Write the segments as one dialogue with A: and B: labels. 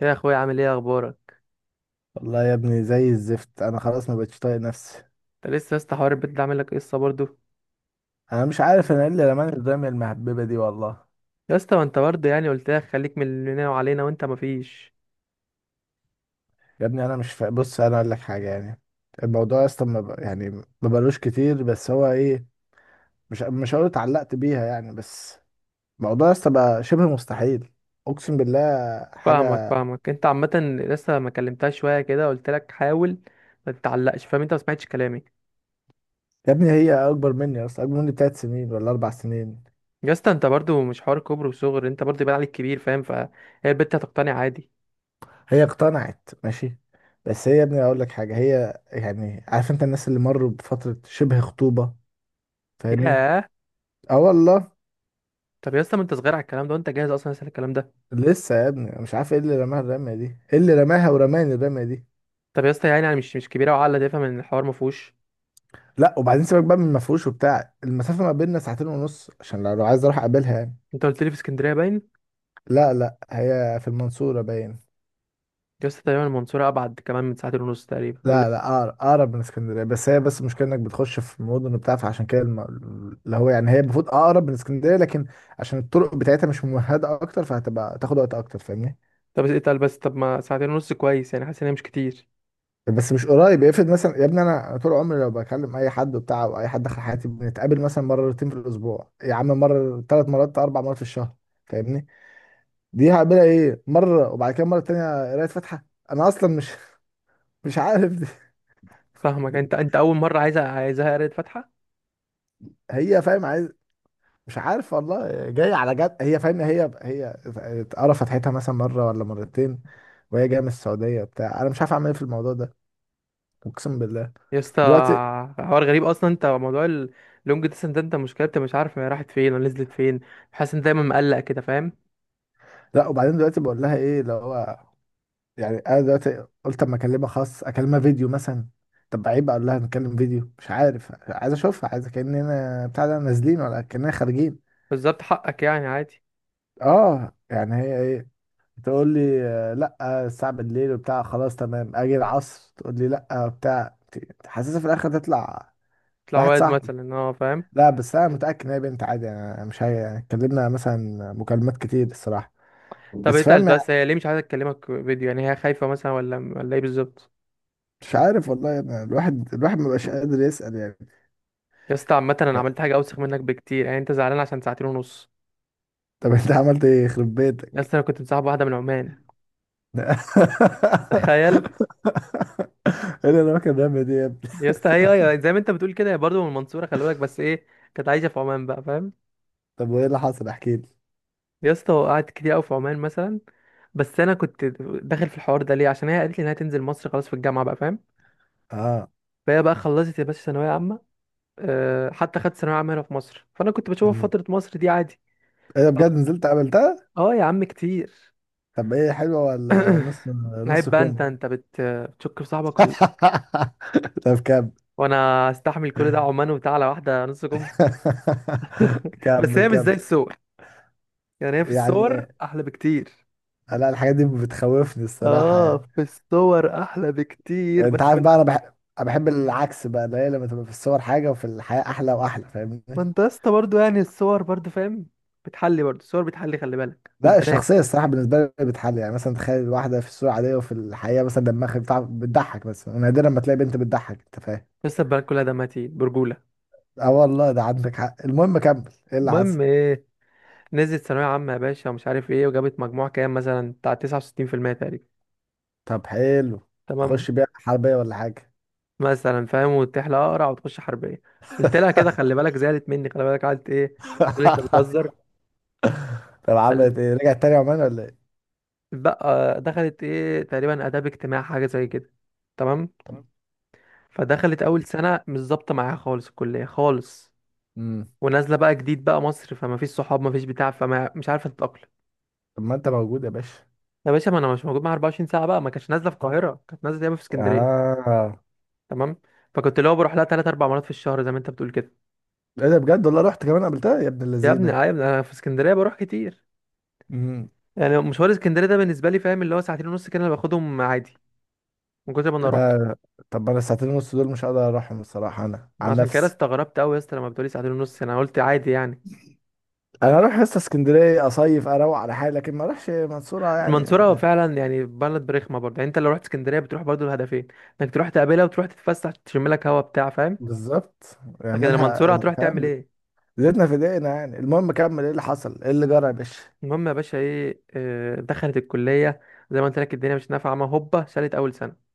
A: يا اخويا، عامل ايه؟ اخبارك؟
B: والله يا ابني زي الزفت. انا خلاص ما بقتش طايق نفسي.
A: انت لسه يا اسطى حوار البيت ده عامل لك قصه برضه؟
B: انا مش عارف انا ايه اللي رماني قدام المهببه دي والله.
A: يا اسطى، ما انت برضه يعني قلت لك خليك من اللي لنا وعلينا وانت مفيش.
B: يا ابني انا مش فا... بص انا اقول لك حاجه يعني. الموضوع اصلا ما ب... يعني ما بقالوش كتير، بس هو ايه؟ مش هقول اتعلقت بيها يعني، بس الموضوع اصلا بقى شبه مستحيل. اقسم بالله
A: فاهمك
B: حاجه.
A: فاهمك انت عامه. لسه ما كلمتهاش شويه كده قلت لك حاول ما تتعلقش، فاهم؟ انت ما سمعتش كلامي.
B: يا ابني هي اكبر مني اصلا، اكبر مني بتلات سنين ولا اربع سنين.
A: يا اسطى، انت برضه مش حوار كبر وصغر، انت برضه يبان عليك كبير، فاهم؟ فهي البت هتقتنع عادي.
B: هي اقتنعت ماشي، بس هي يا ابني اقول لك حاجه، هي يعني عارف انت الناس اللي مروا بفتره شبه خطوبه؟ فاهمني.
A: ياه.
B: اه والله.
A: طب يا اسطى، ما انت صغير على الكلام ده، وانت جاهز اصلا لسه الكلام ده؟
B: لسه يا ابني أنا مش عارف ايه اللي رماها الرمية دي، ايه اللي رماها ورماني الرمية دي.
A: طب يا اسطى، يعني انا مش كبيره وعقله تفهم ان الحوار ما فيهوش.
B: لا وبعدين سيبك بقى من مفروش وبتاع، المسافة ما بيننا ساعتين ونص، عشان لو عايز اروح اقابلها يعني.
A: انت قلت لي في اسكندريه باين.
B: لا لا، هي في المنصورة باين.
A: يا اسطى، تقريبا المنصوره ابعد كمان من ساعتين ونص تقريبا ولا؟
B: لا لا، اقرب من اسكندرية، بس هي بس المشكلة انك بتخش في مدن وبتاع، فعشان كده اللي هو يعني هي المفروض اقرب من اسكندرية، لكن عشان الطرق بتاعتها مش ممهدة اكتر، فهتبقى تاخد وقت اكتر. فاهمني؟
A: طب اتقل بس، طب ما ساعتين ونص كويس، يعني حاسس ان هي مش كتير.
B: بس مش قريب. افرض مثلا يا ابني انا طول عمري لو بكلم اي حد وبتاع، او اي حد دخل حياتي، بنتقابل مثلا مرتين في الاسبوع يا عم، مره، ثلاث مرات، اربع مرات في الشهر. فاهمني؟ دي هقابلها ايه؟ مره وبعد كده مره تانية قرايه فاتحه. انا اصلا مش مش عارف دي.
A: فاهمك. انت اول مره عايزها قريت فاتحه؟
B: هي فاهم عايز، مش عارف والله، جايه على جد. هي فاهم هي هي قرا فتحتها مثلا مره ولا مرتين، وهي جايه من السعوديه بتاع. انا مش عارف اعمل ايه في الموضوع ده، اقسم بالله.
A: يا اسطى،
B: دلوقتي.
A: حوار غريب اصلا، انت موضوع اللونج ديستنس ده انت مشكلتك مش عارف هي راحت فين ولا نزلت فين. حاسس ان دايما مقلق كده، فاهم؟
B: لا وبعدين دلوقتي بقول لها ايه اللي هو يعني. انا دلوقتي قلت اما اكلمها خاص، اكلمها فيديو مثلا. طب عيب اقول لها نتكلم فيديو؟ مش عارف، عايز اشوفها، عايز كاننا بتاع ده، نازلين ولا كاننا خارجين.
A: بالظبط حقك يعني عادي.
B: اه يعني هي ايه تقول لي؟ لا الساعه بالليل وبتاع، خلاص تمام اجي العصر تقول لي لا. بتاع حاسسها في الاخر تطلع
A: تطلع
B: واحد
A: واد
B: صاحبي.
A: مثلا، اه فاهم.
B: لا بس انا متاكد ان هي بنت عادي يعني، مش هي يعني، اتكلمنا مثلا مكالمات كتير الصراحه،
A: طب
B: بس
A: اتقل
B: فاهم يعني.
A: بس، هي ليه مش عايزه تكلمك فيديو؟ يعني هي خايفه مثلا ولا ايه بالظبط؟
B: مش عارف والله يعني، الواحد مبقاش قادر يسال يعني.
A: يا اسطى عامه انا عملت حاجه اوسخ منك بكتير، يعني انت زعلان عشان ساعتين ونص!
B: طب انت عملت ايه يخرب
A: يا
B: بيتك؟
A: اسطى، انا كنت مصاحب واحده من عمان.
B: ايه
A: تخيل.
B: اللي انا كان بيعمل دي يا ابني.
A: يا اسطى، هي زي ما انت بتقول كده، هي برضه من المنصوره، خلي بالك، بس ايه؟ كانت عايشه في عمان بقى، فاهم؟
B: طب وايه اللي حصل؟ احكي لي.
A: يا اسطى قعدت كتير قوي في عمان مثلا. بس انا كنت داخل في الحوار ده ليه؟ عشان هي قالت لي انها تنزل مصر خلاص في الجامعه بقى، فاهم؟
B: اه.
A: فهي بقى خلصت يا باشا ثانويه عامه. أه، حتى خدت ثانويه عامه هنا في مصر، فانا كنت بشوفها في
B: مم.
A: فتره مصر دي عادي.
B: ايه ده
A: فخل-
B: بجد؟ نزلت عملتها؟
A: اه يا عم كتير.
B: طب ايه، حلوه ولا نص؟ نص
A: عيب بقى،
B: كم؟
A: بتشك في صاحبك ولا؟
B: طب كمل.
A: وانا استحمل كل ده، عمان وبتاع، على واحده نص كم! بس
B: كمل
A: هي مش زي
B: كمل.
A: الصور، يعني هي في
B: يعني
A: الصور احلى بكتير.
B: لا، الحاجات دي بتخوفني الصراحه
A: اه
B: يعني.
A: في الصور احلى بكتير،
B: انت عارف بقى، انا بحب، العكس بقى، اللي هي لما تبقى في الصور حاجه وفي الحياه احلى واحلى. فاهمني؟
A: ما انت يا اسطى برضه يعني الصور برضه فاهم، بتحلي برضه، الصور بتحلي، خلي بالك في
B: لا،
A: البنات.
B: الشخصية الصراحة بالنسبة لي بتحل يعني. مثلا تخيل واحدة في الصورة عادية وفي الحقيقة مثلا دماغها بتاع، بتضحك بس، ونادرا ما تلاقي بنت بتضحك. انت فاهم؟
A: لسه البنات كلها دمها تقيل برجوله.
B: اه والله ده عندك حق. المهم كمل، ايه اللي
A: المهم
B: حصل؟
A: ايه؟ نزلت ثانويه عامه يا باشا ومش عارف ايه، وجابت مجموع كام مثلا بتاع 69% تقريبا.
B: طب حلو.
A: تمام.
B: تخش بيها حربية ولا حاجة؟
A: مثلا فاهم، وتحلى اقرع وتخش حربيه. قلت لها كده خلي بالك، زعلت مني خلي بالك، قعدت ايه؟ تقول لي انت بتهزر.
B: طب عملت
A: بل.
B: ايه؟ رجعت تاني عمان ولا ايه؟
A: بقى دخلت ايه تقريبا، اداب، اجتماع، حاجه زي كده. تمام.
B: طب.
A: فدخلت اول سنه مش ظابطه معاها خالص الكليه خالص.
B: امم.
A: ونازله بقى جديد بقى مصر، فما فيش صحاب ما فيش بتاع، فما مش عارفه تتاقلم.
B: طب ما انت موجود يا باشا.
A: يا باشا، ما انا مش موجود معاها 24 ساعه بقى، ما كانتش نازله في القاهره، كانت نازله دايما في اسكندريه.
B: اه.
A: تمام. فكنت اللي هو بروح لها ثلاث اربع مرات في الشهر زي ما انت بتقول كده.
B: ايه ده بجد؟ والله رحت كمان قابلتها يا ابن
A: يا ابني
B: اللذينه!
A: آه، يا ابني انا في اسكندريه بروح كتير،
B: امم.
A: يعني مشوار اسكندريه ده بالنسبه لي فاهم اللي هو ساعتين ونص كده انا باخدهم عادي من كتر ما انا روحته.
B: لا. طب انا الساعتين ونص دول مش هقدر اروحهم الصراحه، انا عن
A: عشان كده
B: نفسي.
A: استغربت قوي يا اسطى لما بتقولي ساعتين ونص انا قلت عادي يعني.
B: انا اروح حصه اسكندريه اصيف، اروق على حالي، لكن ما اروحش منصوره يعني.
A: المنصورة فعلا يعني بلد رخمة برضه، يعني انت لو رحت اسكندرية بتروح برضه الهدفين، انك تروح تقابلها وتروح تتفسح تشم لك هوا بتاع، فاهم؟
B: بالظبط يعني،
A: لكن
B: منها
A: المنصورة هتروح تعمل
B: فاهم.
A: ايه؟
B: زيتنا في دقيقنا يعني. المهم كمل، ايه اللي حصل، ايه اللي جرى يا باشا؟
A: المهم يا باشا ايه، دخلت الكلية. زي ما قلت لك، الدنيا مش نافعة، ما هوبا شالت أول سنة.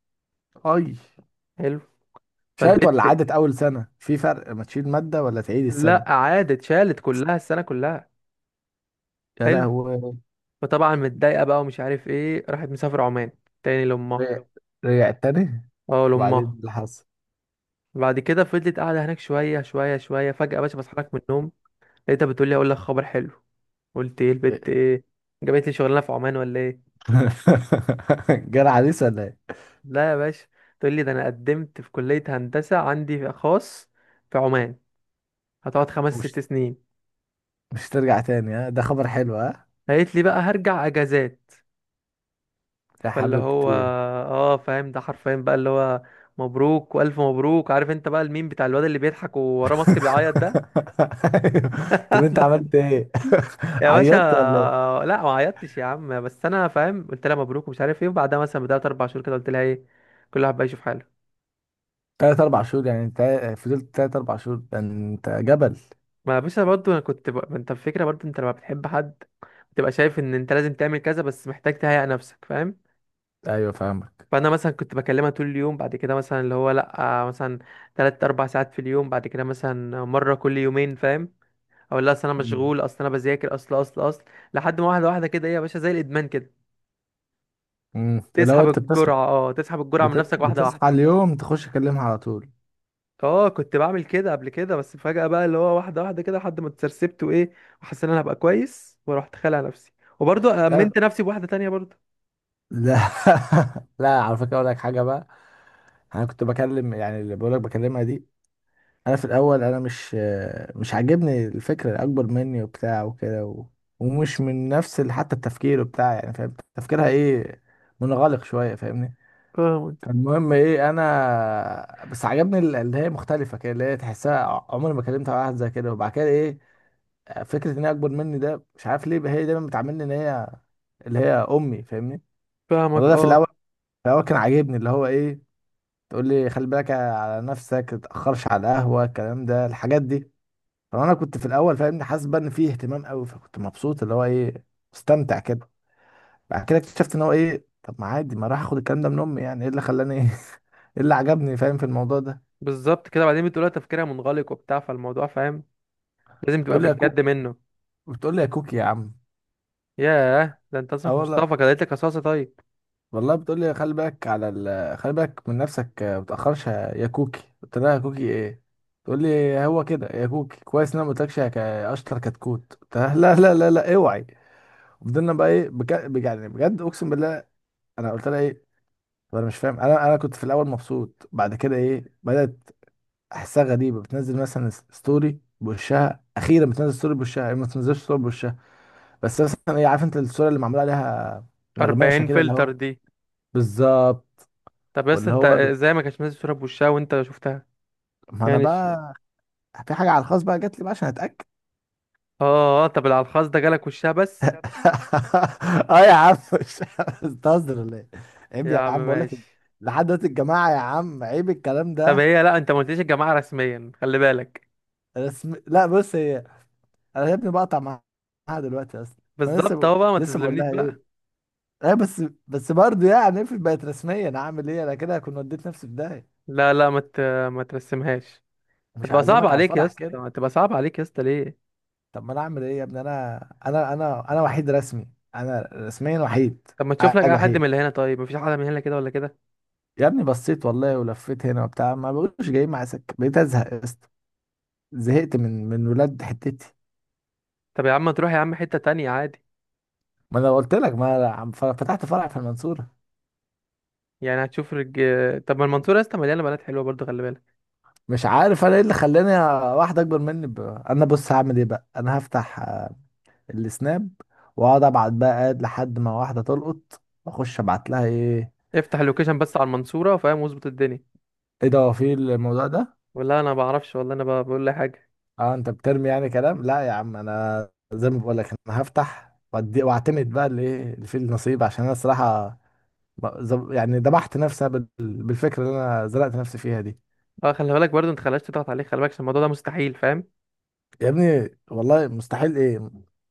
B: اي.
A: حلو.
B: شالت ولا
A: فالبت،
B: عدت اول سنه؟ في فرق ما تشيل ماده ولا تعيد
A: لا
B: السنه.
A: عادت، شالت كلها، السنة كلها.
B: يا
A: حلو.
B: لهوي.
A: فطبعا متضايقة بقى ومش عارف ايه، راحت مسافرة عمان تاني لأمها.
B: رجع رجع تاني؟
A: اه
B: وبعدين إيه
A: لأمها.
B: اللي حصل؟
A: بعد كده فضلت قاعدة هناك شوية شوية شوية، فجأة يا باشا بصحى لك من النوم لقيتها بتقول لي اقول لك خبر حلو. قلت ايه
B: إيه؟
A: البت ايه؟ جابت لي شغلانه في عمان ولا ايه؟
B: جرى عريس ولا ايه؟
A: لا يا باشا، تقول لي ده انا قدمت في كليه هندسه عندي في خاص في عمان، هتقعد خمس ست
B: مش
A: سنين.
B: مش ترجع تاني؟ ها ده خبر حلو ها.
A: قالت لي بقى هرجع اجازات.
B: يا
A: فاللي هو
B: حبيبتي.
A: اه فاهم، ده حرفيا بقى اللي هو مبروك والف مبروك، عارف انت بقى الميم بتاع الواد اللي بيضحك ووراه ماسك بيعيط ده؟
B: طب انت عملت ايه؟
A: يا باشا،
B: عيطت ولا ايه؟
A: لا ما عيطتش يا عم، بس انا فاهم قلت لها مبروك ومش عارف ايه، وبعدها مثلا بدأت اربع شهور كده قلت لها ايه، كل واحد بقى يشوف حاله.
B: تلات اربع شهور يعني انت، فضلت تلات اربع شهور؟ ده انت جبل.
A: ما باشا برضه انا ما انت الفكره برضه، انت لما بتحب حد بتبقى شايف ان انت لازم تعمل كذا، بس محتاج تهيئ نفسك، فاهم؟
B: ايوه فاهمك.
A: فانا مثلا كنت بكلمها طول اليوم، بعد كده مثلا اللي هو لا مثلا تلات اربع ساعات في اليوم، بعد كده مثلا مره كل يومين، فاهم؟ اقول لها اصل انا
B: مم.
A: مشغول، اصل انا بذاكر، اصل اصل اصل، لحد ما واحده واحده كده ايه يا باشا زي الادمان كده،
B: مم. لو
A: تسحب
B: انت بتصحى،
A: الجرعه، اه تسحب الجرعه من نفسك واحده
B: بتصحى
A: واحده.
B: اليوم تخش تكلمها على طول؟
A: اه كنت بعمل كده قبل كده، بس فجأة بقى اللي هو واحدة واحدة كده لحد ما اتسرسبت وايه، وحسيت ان انا هبقى كويس، ورحت خالع نفسي. وبرضه
B: لا
A: امنت نفسي بواحدة تانية برضه.
B: لا. لا، على فكره اقول لك حاجه بقى. انا كنت بكلم يعني اللي بقول لك بكلمها دي. انا في الاول مش عاجبني الفكره، الاكبر مني وبتاع وكده ومش من نفس حتى التفكير بتاع يعني. فاهم تفكيرها ايه؟ منغلق شويه. فاهمني؟
A: فاهمك
B: المهم ايه، انا بس عجبني اللي هي مختلفه كده، اللي هي تحسها عمري ما كلمت واحد زي كده. وبعد كده ايه؟ فكره ان هي اكبر مني ده، مش عارف ليه هي دايما بتعاملني ان هي اللي هي امي. فاهمني؟
A: فاهمك
B: الموضوع ده في
A: اه.
B: الاول، في الاول كان عاجبني اللي هو ايه، تقول لي خلي بالك على نفسك، تتاخرش على القهوه، الكلام ده الحاجات دي. فانا كنت في الاول فاهمني حاسس بقى ان فيه اهتمام قوي، فكنت مبسوط اللي هو ايه، مستمتع كده. بعد كده اكتشفت ان هو ايه، طب ما عادي، ما راح اخد الكلام ده من امي؟ يعني ايه اللي خلاني ايه إيه اللي عجبني فاهم في الموضوع ده؟
A: بالظبط كده، بعدين بتقولها تفكيرها منغلق وبتاع، فالموضوع فاهم لازم تبقى
B: بتقول
A: في
B: لي يا
A: الجد
B: كوكي،
A: منه.
B: بتقول لي يا كوكي يا عم.
A: ياه، ده انت
B: اه
A: اسمك
B: والله.
A: مصطفى، كده لك رصاصة طيب!
B: والله بتقول لي خلي بالك على خلي بالك من نفسك، ما تاخرش يا كوكي. قلت لها يا كوكي ايه؟ تقول لي هو كده يا كوكي، كويس ان انا ما قلتلكش يا اشطر كتكوت. قلت لها لا لا لا لا اوعي. وفضلنا بقى ايه، بجد يعني بجد اقسم بالله. انا قلت لها فانا مش فاهم انا كنت في الاول مبسوط، بعد كده ايه بدات احسها غريبه، بتنزل مثلا ستوري بوشها اخيرا، بتنزل ستوري بوشها. هي ما بتنزلش ستوري بوشها، بس مثلا ايه، عارف انت الصوره اللي معمول عليها نغماشه
A: 40
B: كده اللي
A: فلتر
B: هو.
A: دي.
B: بالظبط.
A: طب بس
B: واللي
A: انت
B: هو ال-
A: ازاي ما كانش نازل صورة بوشها وانت شفتها؟
B: ما انا
A: يعني ش-
B: بقى في حاجه على الخاص بقى جات لي بقى عشان اتاكد.
A: اه اه، طب العلخاص ده جالك وشها بس؟
B: اه يا عم مش بتهزر ولا ايه؟ عيب
A: يا
B: يا
A: عم
B: عم، بقول لك
A: ماشي.
B: لحد دلوقتي الجماعه يا عم، عيب الكلام
A: طب
B: ده.
A: هي لا، انت ما قلتليش الجماعة رسميا، خلي بالك.
B: لا بص هي، انا يا ابني بقطع معاها دلوقتي اصلا. انا
A: بالظبط اهو بقى، ما
B: لسه بقول
A: تظلمنيش
B: لها ايه،
A: بقى.
B: ايه بس. بس برضه يعني افرض بقت رسميا، انا اعمل ايه؟ انا كده كنت وديت نفسي في داهيه.
A: لا لا، ما ترسمهاش.
B: مش
A: هتبقى صعب
B: هعزمك على
A: عليك يا
B: الفرح
A: اسطى،
B: كده.
A: هتبقى صعب عليك يا اسطى، ليه؟
B: طب ما انا اعمل ايه يا ابني؟ انا وحيد رسمي، انا رسميا وحيد،
A: طب ما تشوف لك
B: قاعد
A: اي حد
B: وحيد.
A: من اللي هنا، طيب مفيش حد من هنا كده ولا كده؟
B: يا ابني بصيت والله ولفيت هنا وبتاع، ما بقولش جاي مع سكه، بقيت ازهق يا اسطى. زهقت من ولاد حتتي.
A: طب يا عم تروح يا عم حتة تانية عادي.
B: ما انا قلت لك، ما أنا فتحت فرع في المنصوره.
A: يعني هتشوف رج... طب ما المنصورة يا اسطى مليانة بنات حلوة برضه، خلي بالك.
B: مش عارف انا ايه اللي خلاني واحد اكبر مني انا بص هعمل ايه بقى، انا هفتح السناب واقعد ابعت بقى، قاعد لحد ما واحده تلقط واخش ابعت لها ايه.
A: افتح اللوكيشن بس على المنصورة، فاهم، واظبط الدنيا.
B: ايه ده، هو في الموضوع ده؟
A: والله انا ما بعرفش، والله انا بقول لي حاجة.
B: اه انت بترمي يعني كلام. لا يا عم انا زي ما بقول لك، انا هفتح واعتمد بقى اللي، ايه اللي فيه النصيب. عشان انا الصراحه يعني ذبحت نفسي بالفكره اللي انا زرعت نفسي فيها دي.
A: اه خلي بالك برضه انت، خلاش تضغط عليك، خلي بالك عشان الموضوع ده مستحيل، فاهم؟
B: يا ابني والله مستحيل ايه؟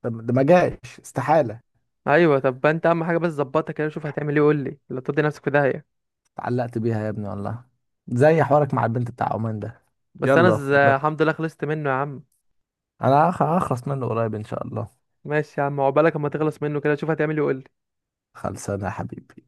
B: ده ما جاش استحاله.
A: ايوه، طب انت اهم حاجة بس ظبطها كده، شوف هتعمل ايه وقول لي، لا تدي نفسك في داهية.
B: اتعلقت بيها يا ابني والله، زي حوارك مع البنت بتاع عمان ده.
A: بس انا
B: يلا ربنا،
A: الحمد لله خلصت منه يا عم.
B: انا هخلص منه قريب ان شاء الله.
A: ماشي يا عم، عقبالك اما تخلص منه، كده شوف هتعمل ايه.
B: خلصانه يا حبيبي.